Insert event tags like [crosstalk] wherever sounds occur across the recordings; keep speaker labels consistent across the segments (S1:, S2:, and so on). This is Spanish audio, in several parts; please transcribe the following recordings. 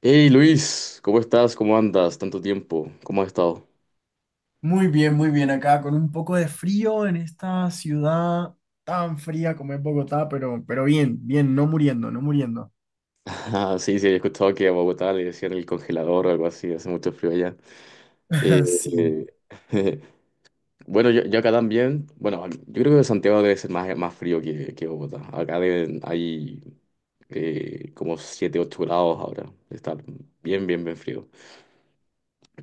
S1: Hey Luis, ¿cómo estás? ¿Cómo andas? Tanto tiempo, ¿cómo has estado? [laughs]
S2: Muy bien acá, con un poco de frío en esta ciudad tan fría como es Bogotá, pero bien, bien, no muriendo, no muriendo.
S1: Ah, sí, sí, he escuchado que a Bogotá le decían el congelador o algo así, hace mucho frío allá. Eh,
S2: [laughs] Sí.
S1: eh, [laughs] bueno, yo acá también, bueno, yo creo que Santiago debe ser más, más frío que Bogotá. Acá deben, hay como 7 8 grados ahora, está bien, bien, bien frío.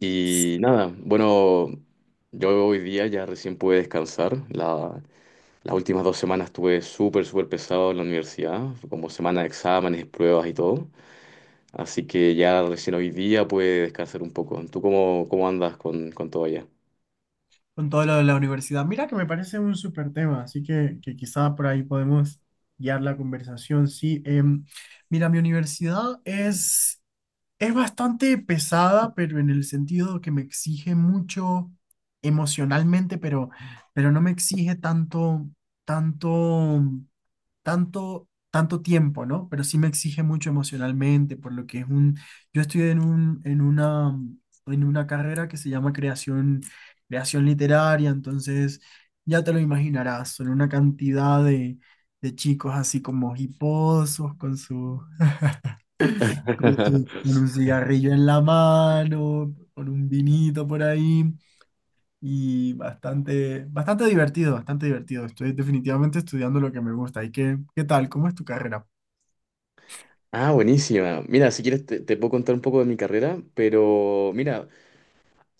S1: Y nada, bueno, yo hoy día ya recién pude descansar, las últimas dos semanas estuve súper, súper pesado en la universidad, fue como semana de exámenes, pruebas y todo. Así que ya recién hoy día pude descansar un poco. ¿Tú cómo, cómo andas con todo allá?
S2: Con todo lo de la universidad. Mira que me parece un súper tema, así que quizá por ahí podemos guiar la conversación. Sí, mira, mi universidad es bastante pesada, pero en el sentido que me exige mucho emocionalmente, pero no me exige tanto. tanto tiempo, ¿no? Pero sí me exige mucho emocionalmente, por lo que yo estoy en una carrera que se llama creación literaria, entonces ya te lo imaginarás, son una cantidad de chicos así como hiposos, con su, con su- con
S1: [laughs]
S2: un cigarrillo en la mano, con un vinito por ahí. Y bastante, bastante divertido, bastante divertido. Estoy definitivamente estudiando lo que me gusta. ¿Y qué tal? ¿Cómo es tu carrera?
S1: Ah, buenísima. Mira, si quieres te puedo contar un poco de mi carrera, pero mira,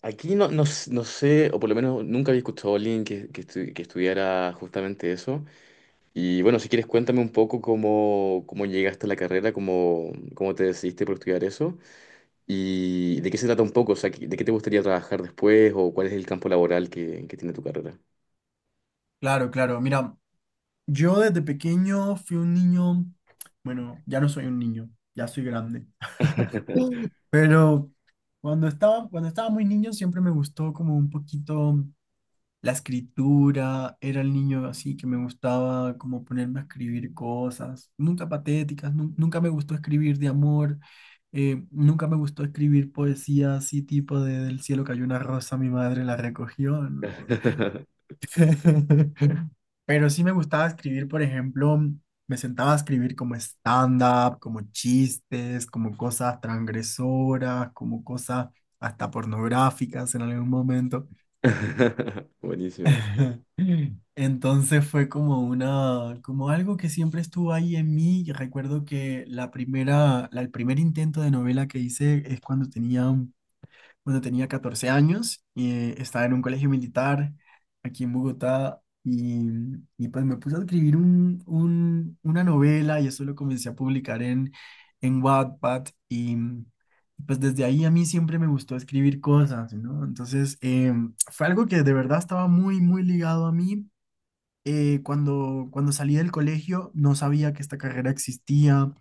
S1: aquí no, no sé, o por lo menos nunca había escuchado a alguien que, que estudiara justamente eso. Y bueno, si quieres cuéntame un poco cómo, cómo llegaste a la carrera, cómo, cómo te decidiste por estudiar eso. ¿Y de qué se trata un poco? O sea, ¿de qué te gustaría trabajar después o cuál es el campo laboral que tiene tu carrera?
S2: Claro, claro. Mira, yo desde pequeño fui un niño, bueno, ya no soy un niño, ya soy grande. [laughs] Pero cuando estaba muy niño siempre me gustó como un poquito la escritura, era el niño así que me gustaba como ponerme a escribir cosas, nunca patéticas, nunca me gustó escribir de amor, nunca me gustó escribir poesía así tipo de del cielo cayó una rosa, mi madre la recogió, ¿no?
S1: [laughs]
S2: [laughs] Pero sí me gustaba escribir, por ejemplo, me sentaba a escribir como stand-up, como chistes, como cosas transgresoras, como cosas hasta pornográficas en algún momento.
S1: Buenísimo.
S2: [laughs] Entonces fue como algo que siempre estuvo ahí en mí. Y recuerdo que el primer intento de novela que hice es cuando tenía 14 años y estaba en un colegio militar aquí en Bogotá y pues me puse a escribir una novela y eso lo comencé a publicar en Wattpad y pues desde ahí a mí siempre me gustó escribir cosas, ¿no? Entonces fue algo que de verdad estaba muy, muy ligado a mí. Cuando salí del colegio no sabía que esta carrera existía.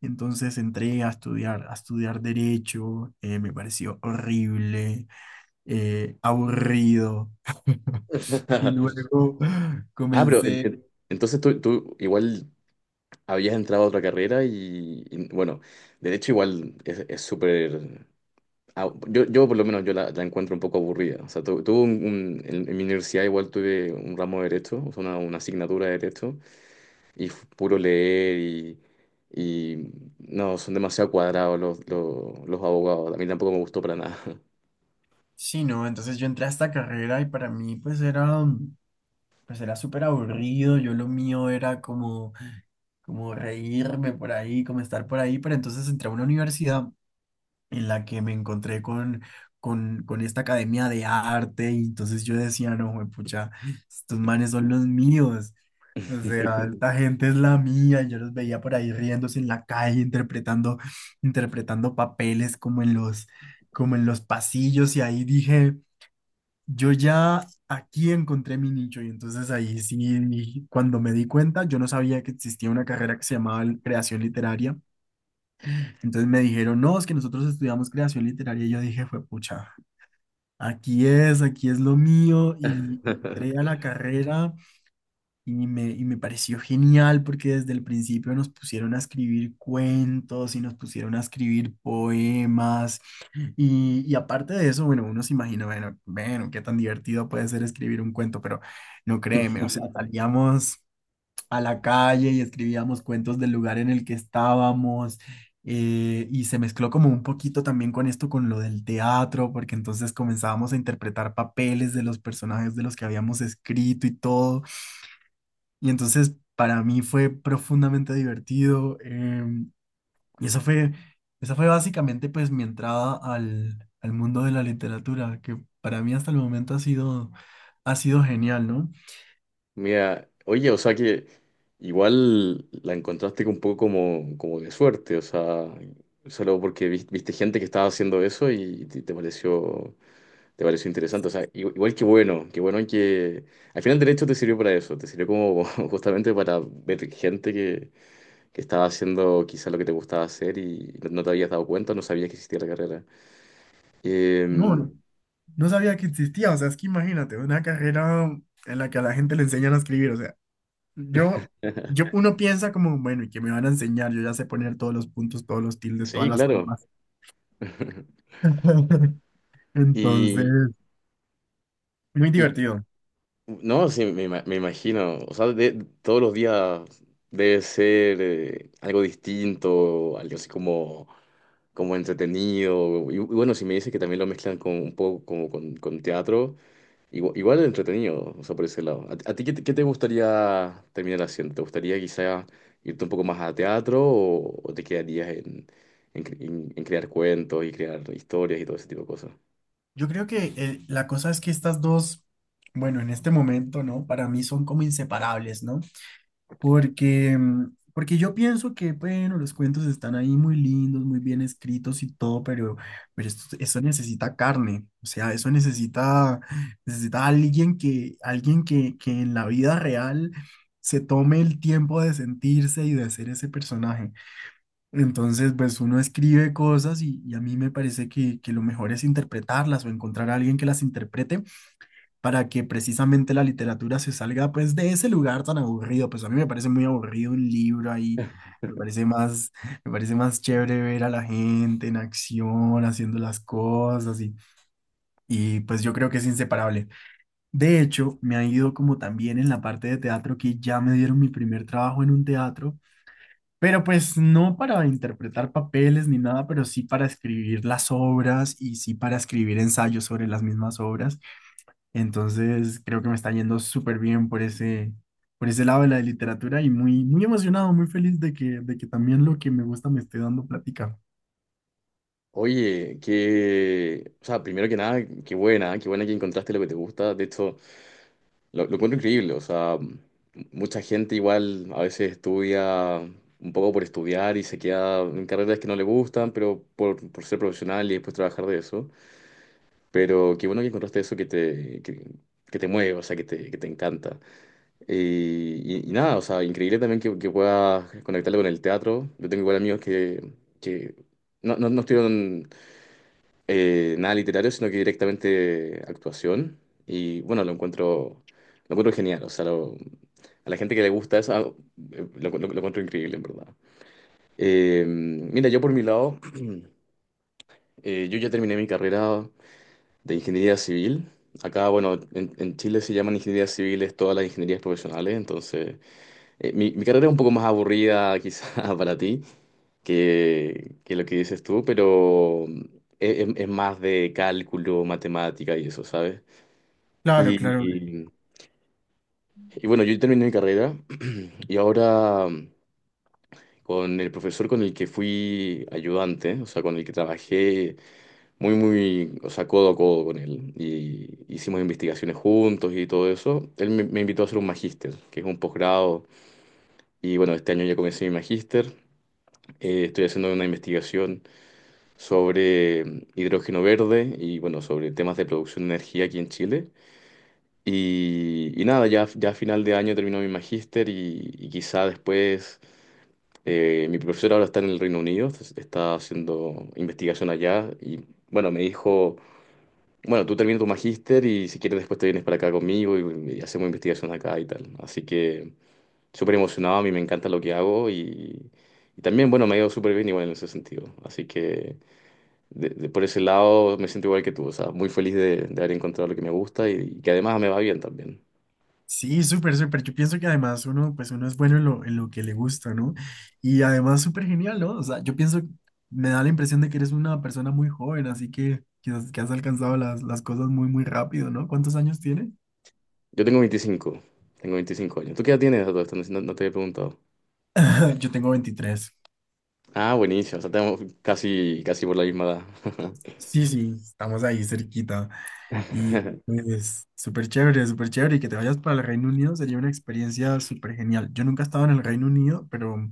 S2: Entonces entré a estudiar derecho, me pareció horrible, aburrido. [laughs] Y
S1: [laughs]
S2: luego
S1: Ah, pero
S2: comencé,
S1: entonces tú igual habías entrado a otra carrera y, bueno, de hecho igual es súper... ah, yo por lo menos yo la, la encuentro un poco aburrida. O sea, tuve en mi universidad igual tuve un ramo de derecho, o sea, una asignatura de derecho. Y puro leer y no, son demasiado cuadrados los abogados. A mí tampoco me gustó para nada.
S2: sí, no, entonces yo entré a esta carrera y para mí pues era súper aburrido, yo lo mío era como reírme por ahí, como estar por ahí, pero entonces entré a una universidad en la que me encontré con esta academia de arte y entonces yo decía, no, pucha, estos manes son los míos. O sea, esta gente es la mía. Yo los veía por ahí riéndose en la calle, interpretando papeles como en los pasillos. Y ahí dije, yo ya aquí encontré mi nicho. Y entonces ahí sí, cuando me di cuenta, yo no sabía que existía una carrera que se llamaba creación literaria. Entonces me dijeron, no, es que nosotros estudiamos creación literaria. Y yo dije, fue pucha, aquí es lo mío. Y entré a
S1: [laughs]
S2: la carrera. Y me pareció genial porque desde el principio nos pusieron a escribir cuentos y nos pusieron a escribir poemas. Y aparte de eso, bueno, uno se imagina, bueno, bueno, qué tan divertido puede ser escribir un cuento, pero no créeme, o sea, salíamos a la calle y escribíamos cuentos del lugar en el que estábamos. Y se mezcló como un poquito también con esto, con lo del teatro, porque entonces comenzábamos a interpretar papeles de los personajes de los que habíamos escrito y todo. Y entonces para mí fue profundamente divertido. Y eso fue, Esa fue básicamente pues mi entrada al mundo de la literatura, que para mí hasta el momento ha sido genial, ¿no?
S1: Mira, oye, o sea que igual la encontraste un poco como, como de suerte, o sea, solo porque viste gente que estaba haciendo eso y te, te pareció interesante, o sea, igual que bueno, que bueno que al final el derecho te sirvió para eso, te sirvió como [laughs] justamente para ver gente que estaba haciendo quizá lo que te gustaba hacer y no te habías dado cuenta, no sabías que existía la carrera.
S2: No,
S1: Em,
S2: no, no sabía que existía. O sea, es que imagínate, una carrera en la que a la gente le enseñan a escribir. O sea, yo, yo,
S1: [laughs]
S2: [laughs] uno piensa como, bueno, ¿y qué me van a enseñar? Yo ya sé poner todos los puntos, todos los tildes, todas
S1: sí,
S2: las
S1: claro.
S2: comas.
S1: [laughs]
S2: [laughs]
S1: Y,
S2: Entonces, muy
S1: y-
S2: divertido.
S1: no, sí, me imagino, o sea, todos los días debe ser algo distinto, algo así como, como entretenido. Y bueno, si me dices que también lo mezclan con un poco como con teatro. Igual, igual entretenido, o sea, por ese lado. ¿A ti qué te gustaría terminar haciendo? ¿Te gustaría quizá irte un poco más a teatro o te quedarías en crear cuentos y crear historias y todo ese tipo de cosas?
S2: Yo creo que la cosa es que estas dos, bueno, en este momento, ¿no? Para mí son como inseparables, ¿no? Porque yo pienso que, bueno, los cuentos están ahí muy lindos, muy bien escritos y todo, pero eso necesita carne, o sea, eso necesita alguien que en la vida real se tome el tiempo de sentirse y de ser ese personaje. Entonces, pues uno escribe cosas y a mí me parece que lo mejor es interpretarlas o encontrar a alguien que las interprete para que precisamente la literatura se salga pues de ese lugar tan aburrido. Pues a mí me parece muy aburrido un libro ahí,
S1: [laughs]
S2: me parece más, me parece más chévere ver a la gente en acción, haciendo las cosas y pues yo creo que es inseparable. De hecho, me ha ido como también en la parte de teatro que ya me dieron mi primer trabajo en un teatro pero pues no para interpretar papeles ni nada, pero sí para escribir las obras y sí para escribir ensayos sobre las mismas obras. Entonces creo que me está yendo súper bien por ese lado de la literatura y muy, muy emocionado, muy feliz de que también lo que me gusta me esté dando plática.
S1: Oye, que, o sea, primero que nada, qué buena que encontraste lo que te gusta. De hecho, lo encuentro increíble, o sea, mucha gente igual a veces estudia un poco por estudiar y se queda en carreras que no le gustan, pero por ser profesional y después trabajar de eso. Pero qué bueno que encontraste eso que te mueve, o sea, que te encanta. Y nada, o sea, increíble también que puedas conectarlo con el teatro. Yo tengo igual amigos que no, no, no estudiaron nada literario, sino que directamente actuación. Y bueno, lo encuentro genial. O sea, a la gente que le gusta eso, ah, lo, lo encuentro increíble, en verdad. Mira, yo por mi lado, [clears throat] yo ya terminé mi carrera de ingeniería civil. Acá, bueno, en Chile se llaman ingenierías civiles todas las ingenierías profesionales, entonces mi, mi carrera es un poco más aburrida [laughs] quizá para ti que lo que dices tú, pero es, es más de cálculo, matemática y eso, ¿sabes?
S2: Claro, claro.
S1: Y, y- y bueno, yo terminé mi carrera [clears throat] y ahora con el profesor con el que fui ayudante, o sea, con el que trabajé muy, muy, o sea, codo a codo con él. Y hicimos investigaciones juntos y todo eso. Él me invitó a hacer un magíster, que es un posgrado. Y bueno, este año ya comencé mi magíster. Estoy haciendo una investigación sobre hidrógeno verde y bueno, sobre temas de producción de energía aquí en Chile. Y nada, ya, ya a final de año termino mi magíster y quizá después... mi profesor ahora está en el Reino Unido, está haciendo investigación allá y bueno, me dijo: bueno, tú terminas tu magíster y si quieres después te vienes para acá conmigo y hacemos investigación acá y tal. Así que súper emocionado, a mí me encanta lo que hago y también, bueno, me ha ido súper bien igual en ese sentido. Así que por ese lado me siento igual que tú, o sea, muy feliz de haber encontrado lo que me gusta y que además me va bien también.
S2: Sí, súper, súper. Yo pienso que además uno es bueno en lo que le gusta, ¿no? Y además súper genial, ¿no? O sea, yo pienso, me da la impresión de que eres una persona muy joven, así que quizás que has alcanzado las cosas muy, muy rápido, ¿no? ¿Cuántos años tienes?
S1: Yo tengo 25, tengo 25 años. ¿Tú qué edad tienes a todo esto? No, no te he preguntado.
S2: [laughs] Yo tengo 23.
S1: Ah, buenísimo, o sea, tenemos casi, casi por la misma
S2: Sí, sí, estamos ahí cerquita. Y
S1: edad. [laughs]
S2: pues súper chévere, súper chévere. Y que te vayas para el Reino Unido sería una experiencia súper genial. Yo nunca he estado en el Reino Unido, pero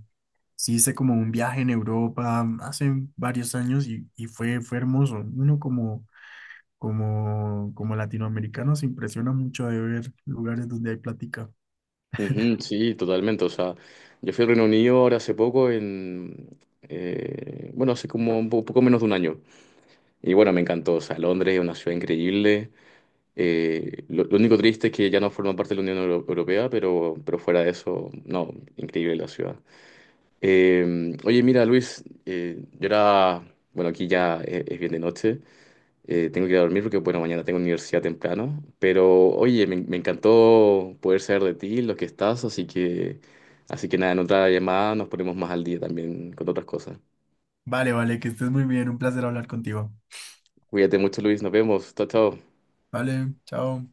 S2: sí, hice como un viaje en Europa hace varios años y fue hermoso. Uno como latinoamericano se impresiona mucho de ver lugares donde hay plática.
S1: Ujú, sí, totalmente. O sea, yo fui al Reino Unido ahora hace poco, en, bueno, hace como un poco menos de un año. Y bueno, me encantó. O sea, Londres es una ciudad increíble. Lo único triste es que ya no forma parte de la Unión Europea, pero fuera de eso, no, increíble la ciudad. Oye, mira, Luis, yo era, bueno, aquí ya es bien de noche. Tengo que ir a dormir porque, bueno, mañana tengo universidad temprano. Pero, oye, me encantó poder saber de ti, lo que estás, así que nada, en otra llamada nos ponemos más al día también con otras cosas.
S2: Vale, vale, que estés muy bien. Un placer hablar contigo.
S1: Cuídate mucho, Luis, nos vemos. Chao, chao.
S2: Vale, chao.